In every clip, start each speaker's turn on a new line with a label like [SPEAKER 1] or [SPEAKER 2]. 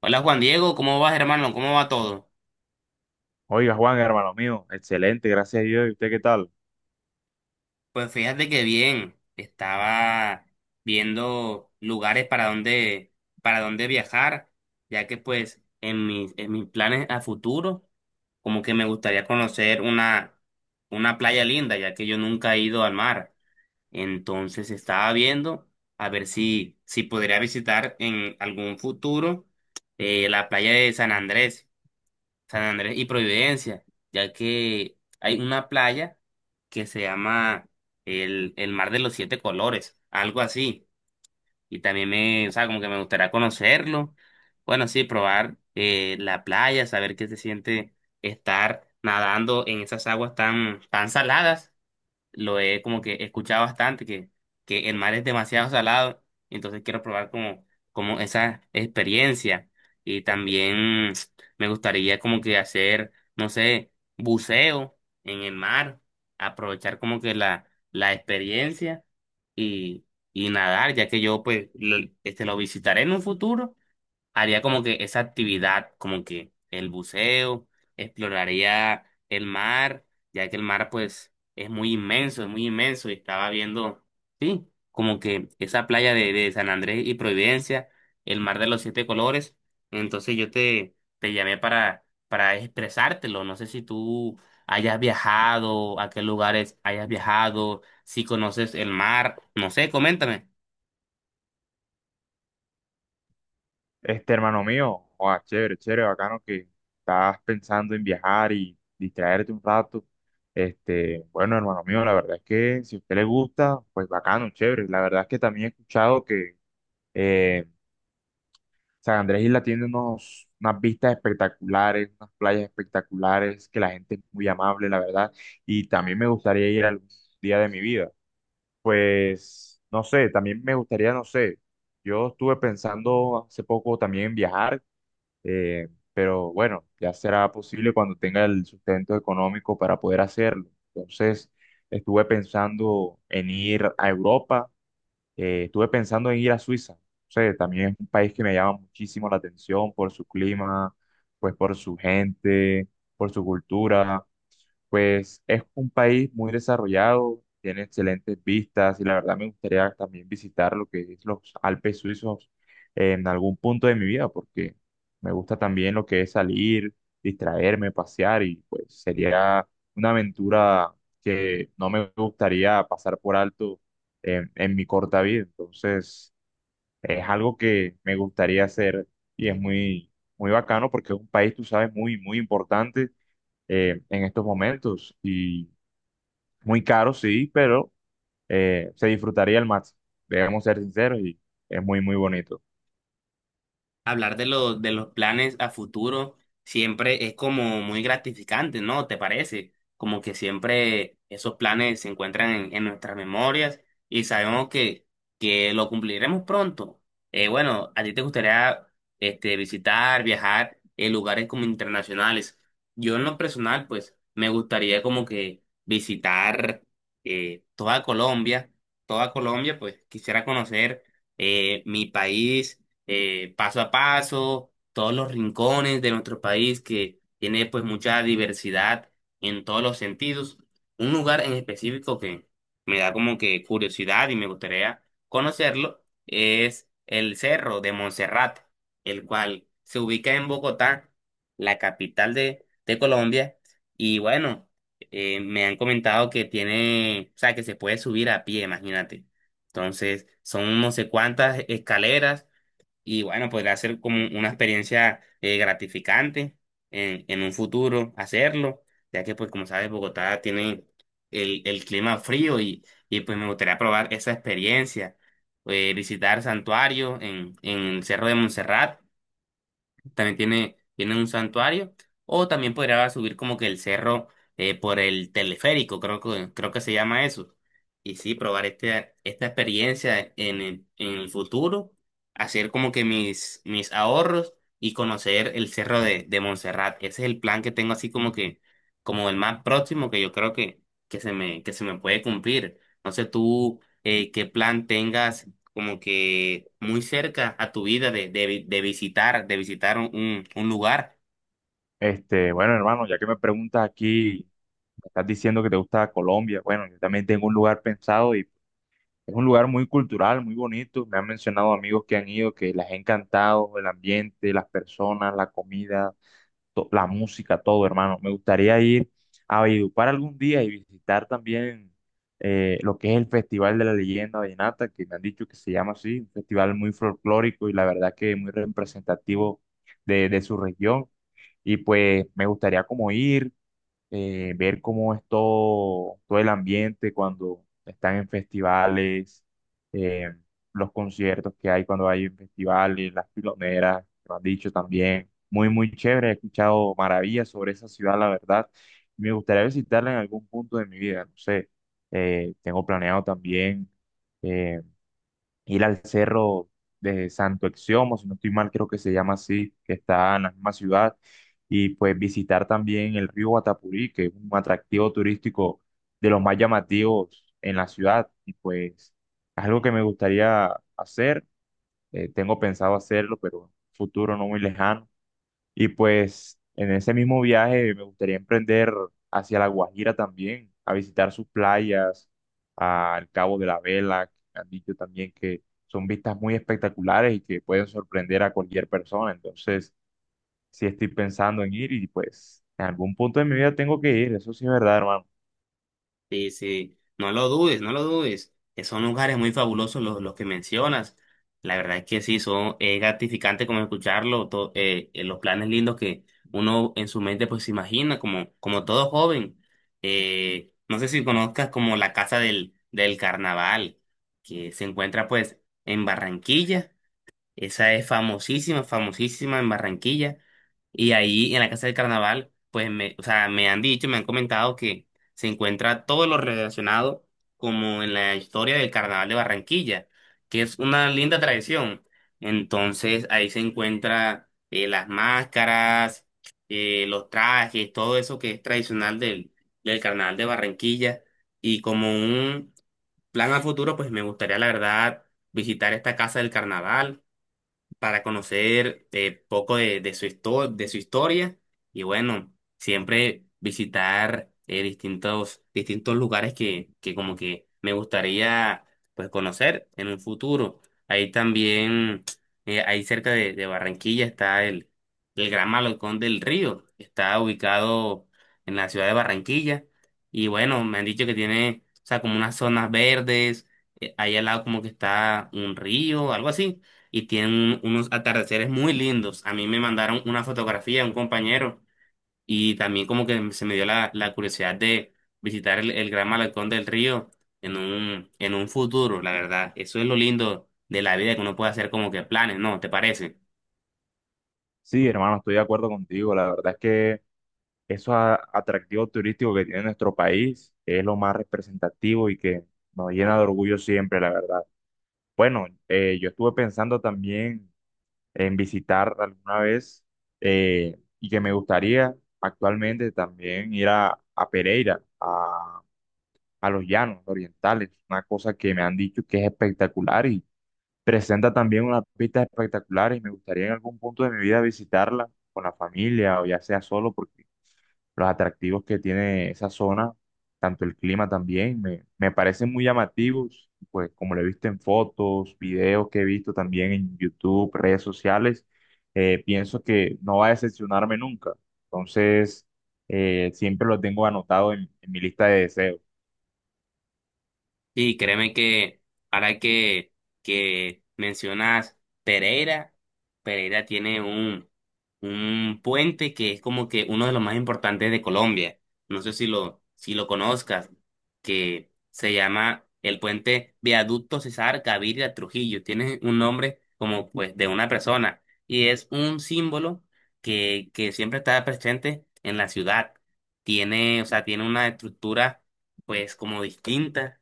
[SPEAKER 1] Hola Juan Diego, ¿cómo vas hermano? ¿Cómo va todo?
[SPEAKER 2] Oiga, Juan, hermano mío, excelente, gracias a Dios. ¿Y usted qué tal?
[SPEAKER 1] Pues fíjate que bien, estaba viendo lugares para dónde viajar, ya que pues en mis planes a futuro, como que me gustaría conocer una playa linda, ya que yo nunca he ido al mar. Entonces estaba viendo a ver si podría visitar en algún futuro la playa de San Andrés. San Andrés y Providencia, ya que hay una playa que se llama el Mar de los Siete Colores, algo así. Y también o sea, como que me gustaría conocerlo. Bueno, sí, probar la playa, saber qué se siente estar nadando en esas aguas tan saladas lo he como que escuchado bastante, que el mar es demasiado salado, entonces quiero probar como, como esa experiencia. Y también me gustaría como que hacer, no sé, buceo en el mar, aprovechar como que la experiencia y, y nadar, ya que yo pues este, lo visitaré en un futuro haría como que esa actividad, como que el buceo, exploraría el mar, ya que el mar pues es muy inmenso y estaba viendo, sí, como que esa playa de San Andrés y Providencia, el mar de los siete colores, entonces yo te llamé para expresártelo, no sé si tú hayas viajado, a qué lugares hayas viajado, si conoces el mar, no sé, coméntame.
[SPEAKER 2] Este hermano mío, oa, chévere, chévere, bacano que estás pensando en viajar y distraerte un rato. Este, bueno, hermano mío, la verdad es que si a usted le gusta, pues bacano, chévere. La verdad es que también he escuchado que eh, San Andrés Isla tiene unos, unas vistas espectaculares, unas playas espectaculares, que la gente es muy amable, la verdad. Y también me gustaría ir algún día de mi vida. Pues, no sé, también me gustaría, no sé, yo estuve pensando hace poco también en viajar, eh, pero bueno, ya será posible cuando tenga el sustento económico para poder hacerlo. Entonces, estuve pensando en ir a Europa, estuve pensando en ir a Suiza. No sé, también es un país que me llama muchísimo la atención por su clima, pues por su gente, por su cultura. Pues es un país muy desarrollado, tiene excelentes vistas y la verdad me gustaría también visitar lo que es los Alpes suizos en algún punto de mi vida, porque me gusta también lo que es salir, distraerme, pasear y pues sería una aventura que no me gustaría pasar por alto en mi corta vida. Entonces es algo que me gustaría hacer y es muy, muy bacano porque es un país, tú sabes, muy, muy importante en estos momentos. Y muy caro, sí, pero se disfrutaría al máximo. Debemos ser sinceros y es muy, muy bonito.
[SPEAKER 1] Hablar de los planes a futuro siempre es como muy gratificante, ¿no? ¿Te parece? Como que siempre esos planes se encuentran en nuestras memorias y sabemos que lo cumpliremos pronto. Bueno, a ti te gustaría este, visitar, viajar en lugares como internacionales. Yo en lo personal, pues, me gustaría como que visitar eh, toda Colombia, toda Colombia, pues quisiera conocer mi país paso a paso, todos los rincones de nuestro país que tiene pues mucha diversidad en todos los sentidos. Un lugar en específico que me da como que curiosidad y me gustaría conocerlo es el Cerro de Monserrate, el cual se ubica en Bogotá, la capital de Colombia, y bueno, me han comentado que tiene, o sea, que se puede subir a pie, imagínate. Entonces, son no sé cuántas escaleras y bueno, podría ser como una experiencia gratificante en un futuro hacerlo, ya que pues como sabes, Bogotá tiene el clima frío y pues me gustaría probar esa experiencia, visitar santuarios en el Cerro de Montserrat también tiene un santuario, o también podría subir como que el cerro por el teleférico, creo que se llama eso. Y sí, probar este, esta experiencia en el futuro, hacer como que mis ahorros y conocer el cerro de Montserrat. Ese es el plan que tengo así como que, como el más próximo que yo creo que se me puede cumplir. No sé tú qué plan tengas como que muy cerca a tu vida de visitar un lugar.
[SPEAKER 2] Este, bueno, hermano, ya que me preguntas aquí, me estás diciendo que te gusta Colombia. Bueno, yo también tengo un lugar pensado y es un lugar muy cultural, muy bonito. Me han mencionado amigos que han ido que les ha encantado el ambiente, las personas, la comida, la música, todo, hermano. Me gustaría ir a Valledupar algún día y visitar también lo que es el Festival de la Leyenda Vallenata, que me han dicho que se llama así, un festival muy folclórico y la verdad que muy representativo de su región. Y pues me gustaría como ir ver cómo es todo, todo el ambiente cuando están en festivales, eh, los conciertos que hay cuando hay en festivales, las piloneras, que lo han dicho también. Muy, muy chévere, he escuchado maravillas sobre esa ciudad, la verdad. Me gustaría visitarla en algún punto de mi vida, no sé. Tengo planeado también eh, ir al cerro de Santo Exiomo, si no estoy mal, creo que se llama así, que está en la misma ciudad, y pues visitar también el río Guatapurí, que es un atractivo turístico de los más llamativos en la ciudad, y pues es algo que me gustaría hacer, tengo pensado hacerlo, pero en un futuro no muy lejano y pues en ese mismo viaje me gustaría emprender hacia La Guajira también, a visitar sus playas, al Cabo de la Vela, que me han dicho también que son vistas muy espectaculares y que pueden sorprender a cualquier persona. Entonces, sí estoy pensando en ir y pues en algún punto de mi vida tengo que ir, eso sí es verdad, hermano.
[SPEAKER 1] Sí, sí, no lo dudes, no lo dudes, que son lugares muy fabulosos los que mencionas. La verdad es que sí, son, es gratificante como escucharlo, los planes lindos que uno en su mente pues se imagina, como, como todo joven. No sé si conozcas como la Casa del Carnaval, que se encuentra pues en Barranquilla. Esa es famosísima, famosísima en Barranquilla. Y ahí en la Casa del Carnaval, o sea, me han dicho, me han comentado que se encuentra todo lo relacionado como en la historia del Carnaval de Barranquilla, que es una linda tradición. Entonces ahí se encuentra las máscaras, los trajes, todo eso que es tradicional del Carnaval de Barranquilla. Y como un plan a futuro, pues me gustaría, la verdad, visitar esta Casa del Carnaval para conocer poco de su de su historia y bueno, siempre visitar distintos lugares que como que me gustaría pues conocer en un futuro. Ahí también, ahí cerca de Barranquilla está el Gran Malecón del Río, que está ubicado en la ciudad de Barranquilla y bueno, me han dicho que tiene, o sea, como unas zonas verdes, ahí al lado como que está un río, algo así y tienen unos atardeceres muy lindos. A mí me mandaron una fotografía, un compañero, y también como que se me dio la curiosidad de visitar el Gran Malecón del Río en en un futuro, la verdad. Eso es lo lindo de la vida, que uno puede hacer como que planes, ¿no? ¿Te parece?
[SPEAKER 2] Sí, hermano, estoy de acuerdo contigo. La verdad es que esos atractivos turísticos que tiene nuestro país es lo más representativo y que nos llena de orgullo siempre, la verdad. Bueno, yo estuve pensando también en visitar alguna vez y que me gustaría actualmente también ir a Pereira, a los llanos orientales, una cosa que me han dicho que es espectacular y presenta también unas pistas espectaculares y me gustaría en algún punto de mi vida visitarla con la familia o ya sea solo porque los atractivos que tiene esa zona, tanto el clima también, me parecen muy llamativos, pues como lo he visto en fotos, videos que he visto también en YouTube, redes sociales, pienso que no va a decepcionarme nunca. Entonces, siempre lo tengo anotado en mi lista de deseos.
[SPEAKER 1] Y créeme que ahora que mencionas Pereira, Pereira tiene un puente que es como que uno de los más importantes de Colombia. No sé si lo conozcas, que se llama el puente Viaducto César Gaviria Trujillo. Tiene un nombre como pues de una persona y es un símbolo que siempre está presente en la ciudad. Tiene, o sea, tiene una estructura pues como distinta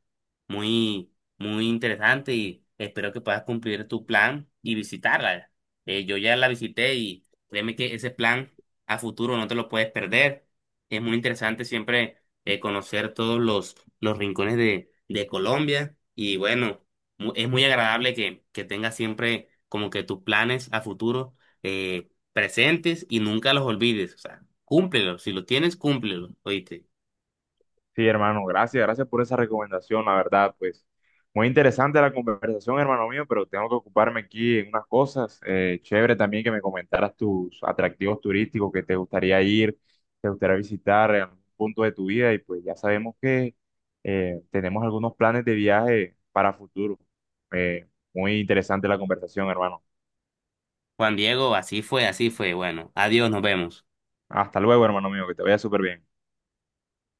[SPEAKER 1] muy, muy interesante y espero que puedas cumplir tu plan y visitarla. Yo ya la visité y créeme que ese plan a futuro no te lo puedes perder. Es muy interesante siempre conocer todos los rincones de Colombia y bueno, es muy agradable que tengas siempre como que tus planes a futuro presentes y nunca los olvides. O sea, cúmplelos. Si los tienes, cúmplelos. Oíste.
[SPEAKER 2] Sí, hermano, gracias, gracias por esa recomendación, la verdad, pues muy interesante la conversación, hermano mío, pero tengo que ocuparme aquí en unas cosas. Chévere también que me comentaras tus atractivos turísticos que te gustaría ir, te gustaría visitar en algún punto de tu vida y pues ya sabemos que tenemos algunos planes de viaje para futuro. Eh, Muy interesante la conversación, hermano.
[SPEAKER 1] Juan Diego, así fue, así fue. Bueno, adiós, nos vemos.
[SPEAKER 2] Hasta luego, hermano mío, que te vaya súper bien.